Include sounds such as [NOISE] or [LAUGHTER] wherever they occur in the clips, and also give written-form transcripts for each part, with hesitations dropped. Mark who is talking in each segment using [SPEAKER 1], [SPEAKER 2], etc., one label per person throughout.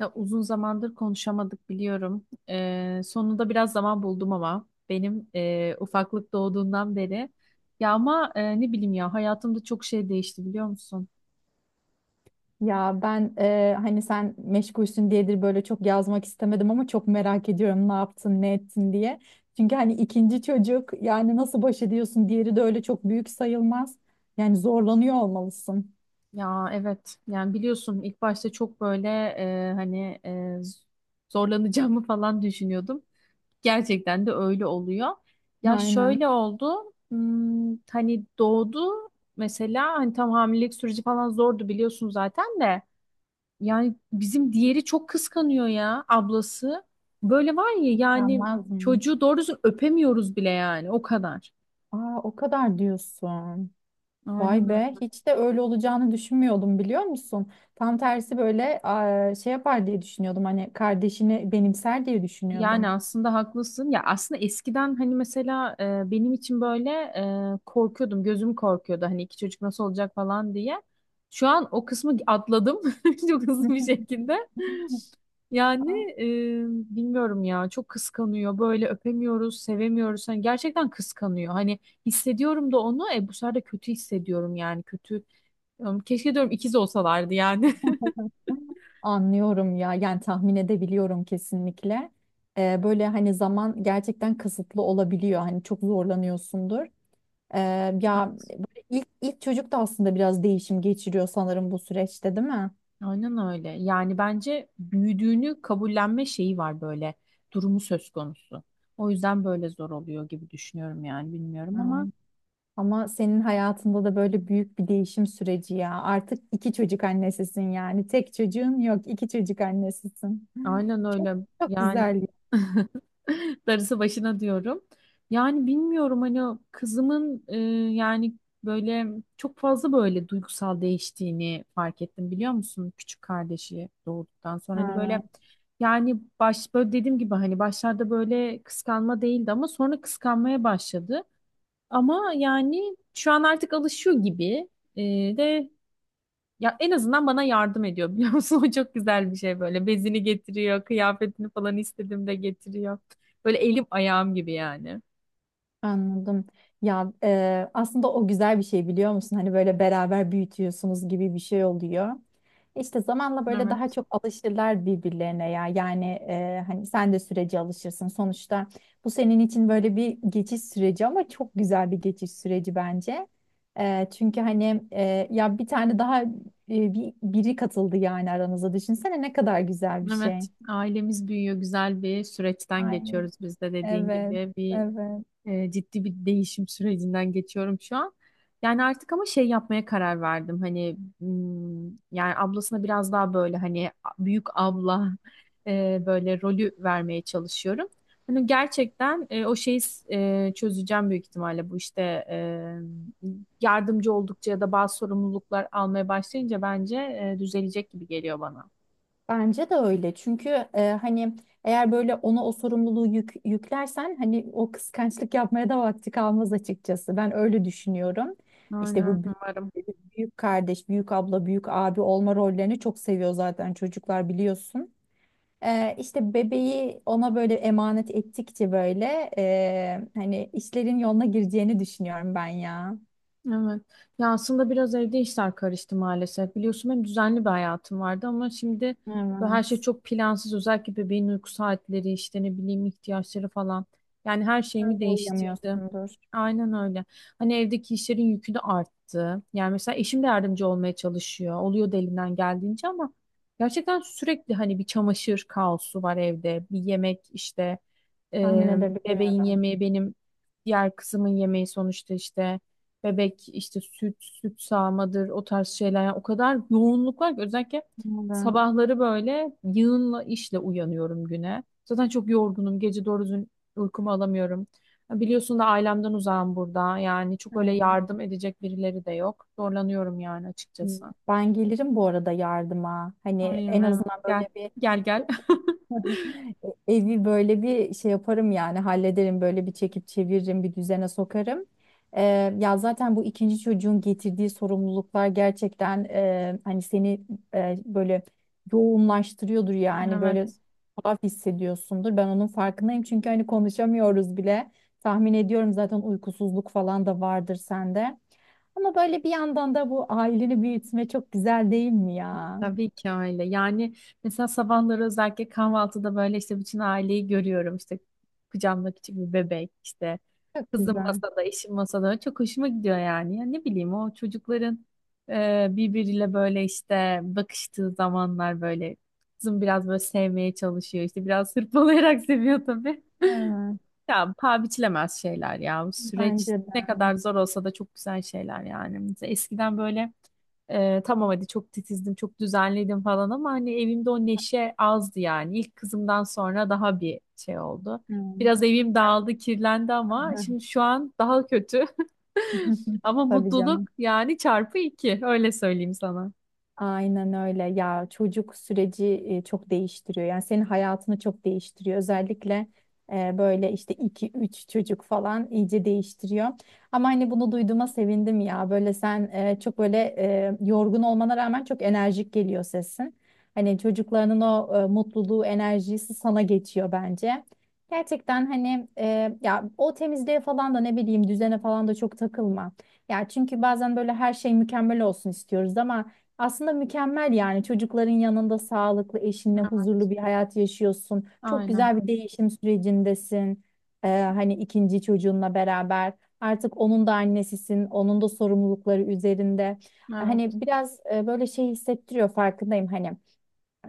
[SPEAKER 1] Ya uzun zamandır konuşamadık biliyorum. Sonunda biraz zaman buldum ama benim ufaklık doğduğundan beri. Ya ama ne bileyim ya hayatımda çok şey değişti biliyor musun?
[SPEAKER 2] Ya ben hani sen meşgulsün diyedir böyle çok yazmak istemedim ama çok merak ediyorum ne yaptın ne ettin diye. Çünkü hani ikinci çocuk yani nasıl baş ediyorsun, diğeri de öyle çok büyük sayılmaz. Yani zorlanıyor olmalısın.
[SPEAKER 1] Ya evet yani biliyorsun ilk başta çok böyle hani z- zorlanacağımı falan düşünüyordum. Gerçekten de öyle oluyor. Ya
[SPEAKER 2] Aynen.
[SPEAKER 1] şöyle oldu hani doğdu mesela hani tam hamilelik süreci falan zordu biliyorsun zaten de. Yani bizim diğeri çok kıskanıyor ya ablası. Böyle var ya yani
[SPEAKER 2] Gelmez mi?
[SPEAKER 1] çocuğu doğru düzgün öpemiyoruz bile yani o kadar.
[SPEAKER 2] Aa, o kadar diyorsun. Vay
[SPEAKER 1] Aynen öyle.
[SPEAKER 2] be, hiç de öyle olacağını düşünmüyordum biliyor musun? Tam tersi böyle şey yapar diye düşünüyordum, hani kardeşini benimser diye
[SPEAKER 1] Yani
[SPEAKER 2] düşünüyordum.
[SPEAKER 1] aslında haklısın. Ya aslında eskiden hani mesela benim için böyle korkuyordum. Gözüm korkuyordu hani iki çocuk nasıl olacak falan diye. Şu an o kısmı atladım [LAUGHS] çok hızlı bir şekilde.
[SPEAKER 2] [LAUGHS]
[SPEAKER 1] Yani
[SPEAKER 2] Aa.
[SPEAKER 1] e, bilmiyorum ya çok kıskanıyor. Böyle öpemiyoruz, sevemiyoruz. Hani gerçekten kıskanıyor. Hani hissediyorum da onu. Bu sefer de kötü hissediyorum yani kötü. Keşke diyorum ikiz olsalardı yani.
[SPEAKER 2] Anlıyorum ya, yani tahmin edebiliyorum kesinlikle. Böyle hani zaman gerçekten kısıtlı olabiliyor. Hani çok zorlanıyorsundur. Ee, ya böyle ilk çocuk da aslında biraz değişim geçiriyor sanırım bu süreçte, değil mi?
[SPEAKER 1] Aynen öyle. Yani bence büyüdüğünü kabullenme şeyi var böyle. Durumu söz konusu. O yüzden böyle zor oluyor gibi düşünüyorum yani bilmiyorum ama
[SPEAKER 2] Hmm. Ama senin hayatında da böyle büyük bir değişim süreci ya. Artık iki çocuk annesisin yani. Tek çocuğun yok, iki çocuk annesisin.
[SPEAKER 1] aynen
[SPEAKER 2] Çok
[SPEAKER 1] öyle.
[SPEAKER 2] çok
[SPEAKER 1] Yani
[SPEAKER 2] güzel ya.
[SPEAKER 1] [LAUGHS] darısı başına diyorum. Yani bilmiyorum hani o kızımın yani böyle çok fazla böyle duygusal değiştiğini fark ettim biliyor musun? Küçük kardeşi doğduktan sonra hani
[SPEAKER 2] Evet.
[SPEAKER 1] böyle yani böyle dediğim gibi hani başlarda böyle kıskanma değildi ama sonra kıskanmaya başladı. Ama yani şu an artık alışıyor gibi, Ee, de ya en azından bana yardım ediyor biliyor musun? [LAUGHS] O çok güzel bir şey böyle. Bezini getiriyor, kıyafetini falan istediğimde getiriyor. Böyle elim ayağım gibi yani.
[SPEAKER 2] Anladım. Ya aslında o güzel bir şey biliyor musun? Hani böyle beraber büyütüyorsunuz gibi bir şey oluyor. İşte zamanla böyle daha
[SPEAKER 1] Evet.
[SPEAKER 2] çok alışırlar birbirlerine ya. Yani hani sen de sürece alışırsın. Sonuçta bu senin için böyle bir geçiş süreci ama çok güzel bir geçiş süreci bence. Çünkü hani ya bir tane daha biri katıldı yani aranıza. Düşünsene ne kadar güzel bir şey.
[SPEAKER 1] Evet. Ailemiz büyüyor. Güzel bir süreçten
[SPEAKER 2] Aynen.
[SPEAKER 1] geçiyoruz biz de dediğin
[SPEAKER 2] Evet,
[SPEAKER 1] gibi. Bir
[SPEAKER 2] evet.
[SPEAKER 1] E, ciddi bir değişim sürecinden geçiyorum şu an. Yani artık ama şey yapmaya karar verdim. Hani yani ablasına biraz daha böyle hani büyük abla böyle rolü vermeye çalışıyorum. Hani gerçekten o şeyi çözeceğim büyük ihtimalle bu işte e, yardımcı oldukça ya da bazı sorumluluklar almaya başlayınca bence düzelecek gibi geliyor bana.
[SPEAKER 2] Bence de öyle. Çünkü hani eğer böyle ona o sorumluluğu yüklersen hani o kıskançlık yapmaya da vakti kalmaz açıkçası. Ben öyle düşünüyorum. İşte
[SPEAKER 1] Aynen.
[SPEAKER 2] bu
[SPEAKER 1] Umarım.
[SPEAKER 2] büyük kardeş, büyük abla, büyük abi olma rollerini çok seviyor zaten çocuklar, biliyorsun. İşte bebeği ona böyle emanet ettikçe böyle hani işlerin yoluna gireceğini düşünüyorum ben ya.
[SPEAKER 1] Evet. Ya aslında biraz evde işler karıştı maalesef. Biliyorsun benim düzenli bir hayatım vardı ama şimdi böyle her şey
[SPEAKER 2] Evet.
[SPEAKER 1] çok plansız. Özellikle bebeğin uyku saatleri, işte ne bileyim ihtiyaçları falan. Yani her
[SPEAKER 2] Sen
[SPEAKER 1] şeyimi
[SPEAKER 2] de
[SPEAKER 1] değiştirdi.
[SPEAKER 2] uyuyamıyorsundur.
[SPEAKER 1] Aynen öyle. Hani evdeki işlerin yükü de arttı. Yani mesela eşim de yardımcı olmaya çalışıyor. Oluyor da elinden geldiğince ama gerçekten sürekli hani bir çamaşır kaosu var evde. Bir yemek işte
[SPEAKER 2] Tahmin
[SPEAKER 1] e, bebeğin
[SPEAKER 2] edebiliyorum.
[SPEAKER 1] yemeği benim diğer kızımın yemeği sonuçta işte bebek işte süt sağmadır o tarz şeyler. Yani o kadar yoğunluk var ki özellikle
[SPEAKER 2] Evet.
[SPEAKER 1] sabahları böyle yığınla işle uyanıyorum güne. Zaten çok yorgunum. Gece doğru düzgün uykumu alamıyorum. Ya biliyorsun da ailemden uzağım burada. Yani çok öyle
[SPEAKER 2] Evet.
[SPEAKER 1] yardım edecek birileri de yok. Zorlanıyorum yani açıkçası.
[SPEAKER 2] Ben gelirim bu arada yardıma. Hani
[SPEAKER 1] Aynen,
[SPEAKER 2] en
[SPEAKER 1] evet.
[SPEAKER 2] azından
[SPEAKER 1] Gel
[SPEAKER 2] böyle bir
[SPEAKER 1] gel gel. [LAUGHS]
[SPEAKER 2] evi böyle bir şey yaparım yani, hallederim, böyle bir çekip çeviririm, bir düzene sokarım. Ee, ya zaten bu ikinci çocuğun getirdiği sorumluluklar gerçekten hani seni böyle yoğunlaştırıyordur yani, böyle
[SPEAKER 1] Evet.
[SPEAKER 2] tuhaf hissediyorsundur. Ben onun farkındayım çünkü hani konuşamıyoruz bile. Tahmin ediyorum zaten, uykusuzluk falan da vardır sende. Ama böyle bir yandan da bu aileni büyütme çok güzel, değil mi ya?
[SPEAKER 1] Tabii ki öyle. Yani mesela sabahları özellikle kahvaltıda böyle işte bütün aileyi görüyorum. İşte kucağımda küçük bir bebek işte
[SPEAKER 2] Çok
[SPEAKER 1] kızım
[SPEAKER 2] güzel.
[SPEAKER 1] masada, eşim masada. Çok hoşuma gidiyor yani. Ya ne bileyim o çocukların birbiriyle böyle işte bakıştığı zamanlar böyle kızım biraz böyle sevmeye çalışıyor. İşte biraz hırpalayarak [LAUGHS] seviyor tabii.
[SPEAKER 2] Evet,
[SPEAKER 1] Ya paha biçilemez şeyler ya. Bu süreç
[SPEAKER 2] bence de.
[SPEAKER 1] ne kadar zor olsa da çok güzel şeyler yani. Mesela eskiden böyle tamam hadi çok titizdim, çok düzenledim falan ama hani evimde o neşe azdı yani. İlk kızımdan sonra daha bir şey oldu.
[SPEAKER 2] Hmm.
[SPEAKER 1] Biraz evim dağıldı, kirlendi ama şimdi şu an daha kötü. [LAUGHS]
[SPEAKER 2] [LAUGHS]
[SPEAKER 1] Ama
[SPEAKER 2] Tabii
[SPEAKER 1] mutluluk
[SPEAKER 2] canım.
[SPEAKER 1] yani çarpı iki. Öyle söyleyeyim sana.
[SPEAKER 2] Aynen öyle ya, çocuk süreci çok değiştiriyor yani, senin hayatını çok değiştiriyor, özellikle böyle işte iki üç çocuk falan iyice değiştiriyor. Ama hani bunu duyduğuma sevindim ya, böyle sen çok böyle yorgun olmana rağmen çok enerjik geliyor sesin. Hani çocuklarının o mutluluğu, enerjisi sana geçiyor bence gerçekten. Hani ya o temizliğe falan da ne bileyim, düzene falan da çok takılma ya. Çünkü bazen böyle her şey mükemmel olsun istiyoruz ama aslında mükemmel yani, çocukların yanında sağlıklı, eşinle huzurlu bir hayat yaşıyorsun. Çok
[SPEAKER 1] Aynen.
[SPEAKER 2] güzel bir değişim sürecindesin. Hani ikinci çocuğunla beraber artık onun da annesisin, onun da sorumlulukları üzerinde.
[SPEAKER 1] Evet.
[SPEAKER 2] Hani biraz böyle şey hissettiriyor, farkındayım hani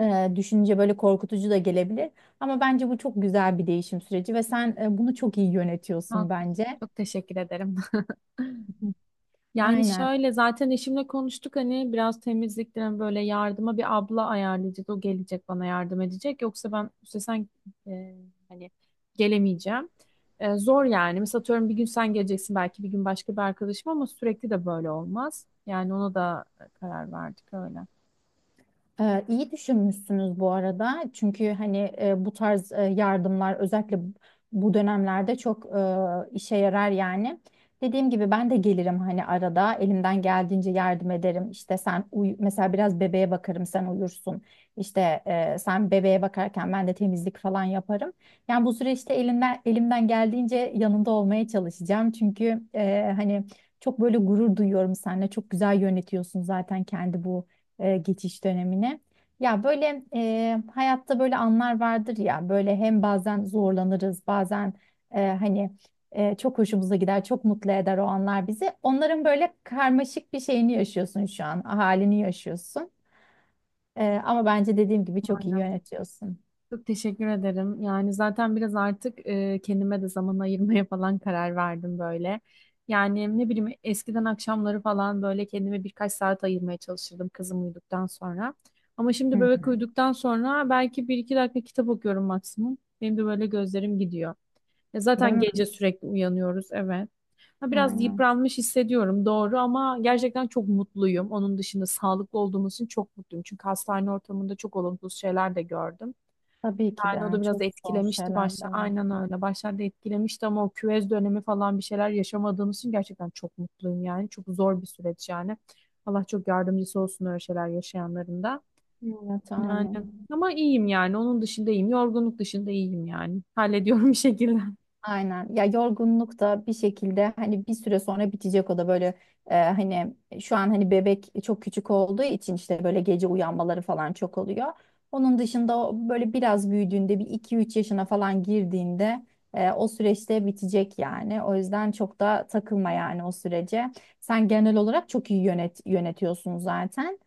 [SPEAKER 2] düşünce böyle korkutucu da gelebilir. Ama bence bu çok güzel bir değişim süreci ve sen bunu çok iyi
[SPEAKER 1] Ha,
[SPEAKER 2] yönetiyorsun bence.
[SPEAKER 1] çok teşekkür ederim. [LAUGHS]
[SPEAKER 2] Hı.
[SPEAKER 1] Yani
[SPEAKER 2] Aynen.
[SPEAKER 1] şöyle zaten eşimle konuştuk hani biraz temizlikten böyle yardıma bir abla ayarlayacağız. O gelecek bana yardım edecek. Yoksa ben üstesen e, hani gelemeyeceğim. Zor yani. Mesela atıyorum bir gün sen geleceksin, belki bir gün başka bir arkadaşım ama sürekli de böyle olmaz. Yani ona da karar verdik öyle.
[SPEAKER 2] İyi düşünmüşsünüz bu arada. Çünkü hani bu tarz yardımlar özellikle bu dönemlerde çok işe yarar yani. Dediğim gibi ben de gelirim hani, arada elimden geldiğince yardım ederim. İşte sen uyu mesela, biraz bebeğe bakarım, sen uyursun. İşte sen bebeğe bakarken ben de temizlik falan yaparım. Yani bu süreçte elinden elimden geldiğince yanında olmaya çalışacağım. Çünkü hani çok böyle gurur duyuyorum seninle. Çok güzel yönetiyorsun zaten kendi bu geçiş dönemine. Ya böyle hayatta böyle anlar vardır ya, böyle hem bazen zorlanırız bazen hani çok hoşumuza gider, çok mutlu eder o anlar bizi. Onların böyle karmaşık bir şeyini yaşıyorsun şu an, halini yaşıyorsun. Ama bence dediğim gibi çok iyi
[SPEAKER 1] Aynen.
[SPEAKER 2] yönetiyorsun.
[SPEAKER 1] Çok teşekkür ederim. Yani zaten biraz artık kendime de zaman ayırmaya falan karar verdim böyle. Yani ne bileyim eskiden akşamları falan böyle kendime birkaç saat ayırmaya çalışırdım kızım uyuduktan sonra. Ama
[SPEAKER 2] Hı
[SPEAKER 1] şimdi bebek
[SPEAKER 2] hı.
[SPEAKER 1] uyuduktan sonra belki bir iki dakika kitap okuyorum maksimum. Benim de böyle gözlerim gidiyor. Ya
[SPEAKER 2] Değil
[SPEAKER 1] zaten
[SPEAKER 2] mi?
[SPEAKER 1] gece sürekli uyanıyoruz, evet. Ha, biraz
[SPEAKER 2] Aynen.
[SPEAKER 1] yıpranmış hissediyorum doğru ama gerçekten çok mutluyum. Onun dışında sağlıklı olduğumuz için çok mutluyum. Çünkü hastane ortamında çok olumsuz şeyler de gördüm.
[SPEAKER 2] Tabii ki de
[SPEAKER 1] Yani o da
[SPEAKER 2] yani,
[SPEAKER 1] biraz
[SPEAKER 2] çok zor
[SPEAKER 1] etkilemişti
[SPEAKER 2] şeyler de
[SPEAKER 1] başta.
[SPEAKER 2] var.
[SPEAKER 1] Aynen öyle. Başlarda etkilemişti ama o küvez dönemi falan bir şeyler yaşamadığımız için gerçekten çok mutluyum yani. Çok zor bir süreç yani. Allah çok yardımcısı olsun öyle şeyler yaşayanların da.
[SPEAKER 2] Evet,
[SPEAKER 1] Yani
[SPEAKER 2] amin.
[SPEAKER 1] ama iyiyim yani. Onun dışında iyiyim. Yorgunluk dışında iyiyim yani. Hallediyorum bir şekilde.
[SPEAKER 2] Aynen. Ya yorgunluk da bir şekilde hani bir süre sonra bitecek, o da böyle hani şu an hani bebek çok küçük olduğu için işte böyle gece uyanmaları falan çok oluyor. Onun dışında o böyle biraz büyüdüğünde, bir iki üç yaşına falan girdiğinde o süreçte bitecek yani. O yüzden çok da takılma yani o sürece. Sen genel olarak çok iyi yönetiyorsun zaten.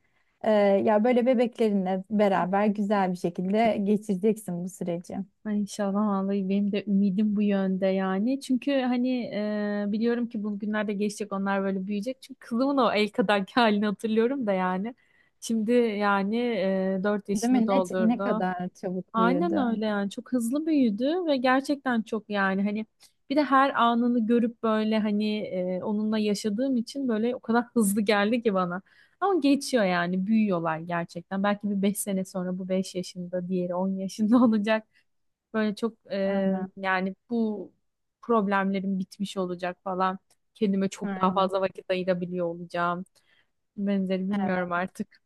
[SPEAKER 2] Ya böyle bebeklerinle beraber güzel bir şekilde geçireceksin bu süreci.
[SPEAKER 1] Ay, İnşallah vallahi benim de ümidim bu yönde yani. Çünkü hani biliyorum ki bu günlerde geçecek, onlar böyle büyüyecek. Çünkü kızımın o el kadarki [LAUGHS] halini hatırlıyorum da yani. Şimdi yani 4
[SPEAKER 2] Değil
[SPEAKER 1] yaşını
[SPEAKER 2] mi? Ne
[SPEAKER 1] doldurdu.
[SPEAKER 2] kadar çabuk
[SPEAKER 1] Aynen
[SPEAKER 2] büyüdü.
[SPEAKER 1] öyle yani çok hızlı büyüdü ve gerçekten çok yani hani bir de her anını görüp böyle hani onunla yaşadığım için böyle o kadar hızlı geldi ki bana. Ama geçiyor yani büyüyorlar gerçekten. Belki bir 5 sene sonra bu 5 yaşında, diğeri 10 yaşında [LAUGHS] olacak. Böyle çok
[SPEAKER 2] Aynen.
[SPEAKER 1] yani bu problemlerim bitmiş olacak falan. Kendime çok daha
[SPEAKER 2] Aynen.
[SPEAKER 1] fazla vakit ayırabiliyor olacağım. Benzeri
[SPEAKER 2] Evet.
[SPEAKER 1] bilmiyorum artık.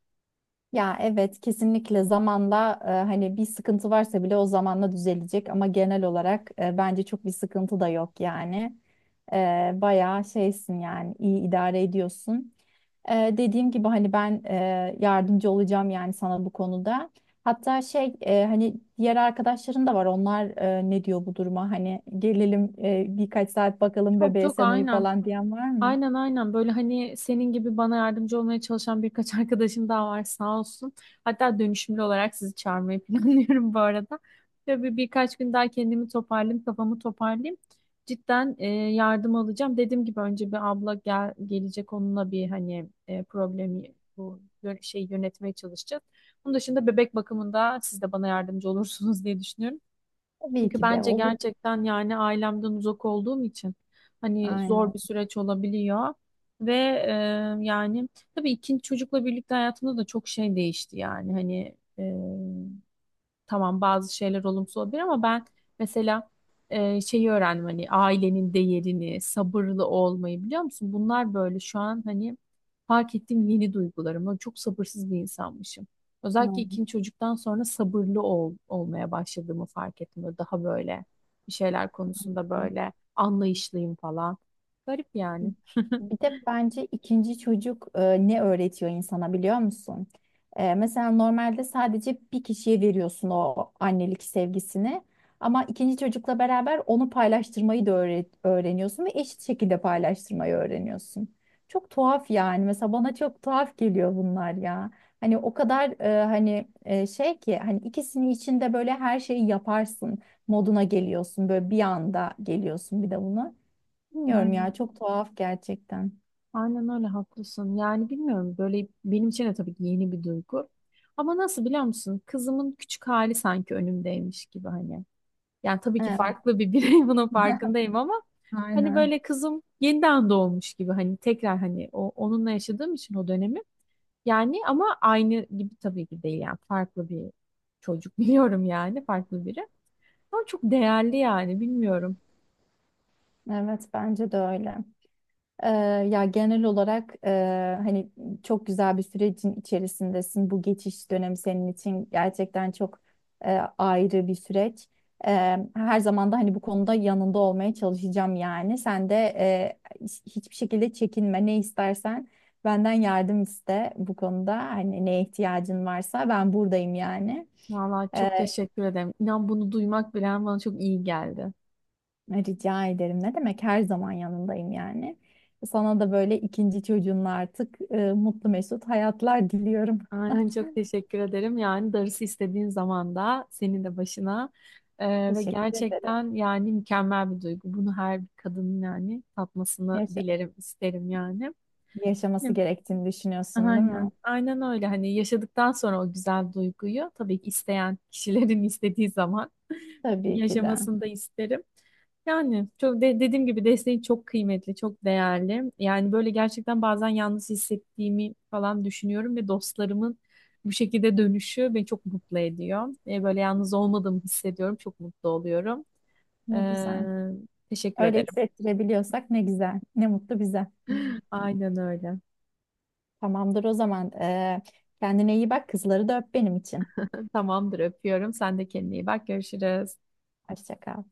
[SPEAKER 2] Ya evet, kesinlikle zamanla hani bir sıkıntı varsa bile o zamanla düzelecek ama genel olarak bence çok bir sıkıntı da yok yani. Bayağı şeysin yani, iyi idare ediyorsun. Dediğim gibi hani ben yardımcı olacağım yani sana bu konuda. Hatta şey, hani diğer arkadaşların da var. Onlar ne diyor bu duruma? Hani gelelim birkaç saat bakalım
[SPEAKER 1] Çok
[SPEAKER 2] bebeğe,
[SPEAKER 1] çok
[SPEAKER 2] sen uyu
[SPEAKER 1] aynen.
[SPEAKER 2] falan diyen var mı?
[SPEAKER 1] Aynen aynen böyle hani senin gibi bana yardımcı olmaya çalışan birkaç [LAUGHS] arkadaşım daha var sağ olsun. Hatta dönüşümlü olarak sizi çağırmayı [LAUGHS] planlıyorum bu arada. Ve birkaç gün daha kendimi toparlayayım, kafamı toparlayayım. Cidden yardım alacağım. Dediğim gibi önce bir abla gelecek, onunla bir hani problemi bu şeyi yönetmeye çalışacağız. Bunun dışında bebek bakımında siz de bana yardımcı [LAUGHS] olursunuz diye düşünüyorum.
[SPEAKER 2] Tabii
[SPEAKER 1] Çünkü
[SPEAKER 2] ki de
[SPEAKER 1] bence
[SPEAKER 2] olur.
[SPEAKER 1] gerçekten yani ailemden uzak olduğum için hani zor
[SPEAKER 2] Aynen.
[SPEAKER 1] bir süreç olabiliyor. Ve e, yani tabii ikinci çocukla birlikte hayatımda da çok şey değişti yani hani tamam bazı şeyler olumsuz olabilir ama ben mesela şeyi öğrendim hani ailenin değerini, sabırlı olmayı biliyor musun? Bunlar böyle şu an hani fark ettiğim yeni duygularım. Ben çok sabırsız bir insanmışım. Özellikle
[SPEAKER 2] Aynen.
[SPEAKER 1] ikinci çocuktan sonra sabırlı olmaya başladığımı fark ettim. Böyle daha böyle bir şeyler konusunda böyle anlayışlıyım falan. Garip yani.
[SPEAKER 2] Bir de bence ikinci çocuk ne öğretiyor insana biliyor musun? Mesela normalde sadece bir kişiye veriyorsun o annelik sevgisini. Ama ikinci çocukla beraber onu paylaştırmayı da öğreniyorsun ve eşit şekilde paylaştırmayı öğreniyorsun. Çok tuhaf yani. Mesela bana çok tuhaf geliyor bunlar ya. Hani o kadar hani şey ki, hani ikisini içinde böyle her şeyi yaparsın moduna geliyorsun. Böyle bir anda geliyorsun bir de buna. Bilmiyorum
[SPEAKER 1] Aynen.
[SPEAKER 2] ya, çok tuhaf gerçekten.
[SPEAKER 1] Aynen öyle haklısın. Yani bilmiyorum, böyle benim için de tabii ki yeni bir duygu. Ama nasıl biliyor musun? Kızımın küçük hali sanki önümdeymiş gibi hani. Yani tabii ki
[SPEAKER 2] Evet,
[SPEAKER 1] farklı bir birey [LAUGHS] bunun farkındayım ama hani
[SPEAKER 2] aynen.
[SPEAKER 1] böyle kızım yeniden doğmuş gibi, hani tekrar hani o onunla yaşadığım için o dönemi. Yani ama aynı gibi tabii ki değil, yani farklı bir çocuk [LAUGHS] biliyorum yani, farklı biri. Ama çok değerli yani, bilmiyorum.
[SPEAKER 2] Evet, bence de öyle. Ee, ya genel olarak hani çok güzel bir sürecin içerisindesin. Bu geçiş dönemi senin için gerçekten çok ayrı bir süreç. Her zaman da hani bu konuda yanında olmaya çalışacağım yani. Sen de hiçbir şekilde çekinme. Ne istersen benden yardım iste bu konuda. Hani neye ihtiyacın varsa ben buradayım yani.
[SPEAKER 1] Vallahi çok teşekkür ederim. İnan bunu duymak bile bana çok iyi geldi.
[SPEAKER 2] Rica ederim. Ne demek? Her zaman yanındayım yani. Sana da böyle ikinci çocuğunla artık mutlu mesut hayatlar diliyorum.
[SPEAKER 1] Aynen çok teşekkür ederim. Yani darısı istediğin zaman da senin de başına. Ve
[SPEAKER 2] Teşekkür ederim.
[SPEAKER 1] gerçekten yani mükemmel bir duygu. Bunu her bir kadının yani tatmasını
[SPEAKER 2] Yaşa-
[SPEAKER 1] dilerim, isterim yani. Değil
[SPEAKER 2] yaşaması
[SPEAKER 1] mi?
[SPEAKER 2] gerektiğini düşünüyorsun, değil
[SPEAKER 1] Aynen.
[SPEAKER 2] mi?
[SPEAKER 1] Aynen öyle. Hani yaşadıktan sonra o güzel duyguyu tabii ki isteyen kişilerin [LAUGHS] istediği zaman
[SPEAKER 2] Tabii ki de.
[SPEAKER 1] yaşamasını da isterim. Yani çok dediğim gibi desteği çok kıymetli, çok değerli. Yani böyle gerçekten bazen yalnız hissettiğimi falan düşünüyorum ve dostlarımın bu şekilde dönüşü beni çok mutlu ediyor. Böyle yalnız olmadığımı hissediyorum, çok mutlu oluyorum.
[SPEAKER 2] Ne güzel.
[SPEAKER 1] Ee, teşekkür
[SPEAKER 2] Öyle
[SPEAKER 1] ederim.
[SPEAKER 2] hissettirebiliyorsak ne güzel. Ne mutlu bize.
[SPEAKER 1] [LAUGHS]
[SPEAKER 2] [LAUGHS]
[SPEAKER 1] Aynen öyle.
[SPEAKER 2] Tamamdır o zaman. Kendine iyi bak. Kızları da öp benim için.
[SPEAKER 1] Tamamdır, öpüyorum. Sen de kendine iyi bak. Görüşürüz.
[SPEAKER 2] Hoşça kal.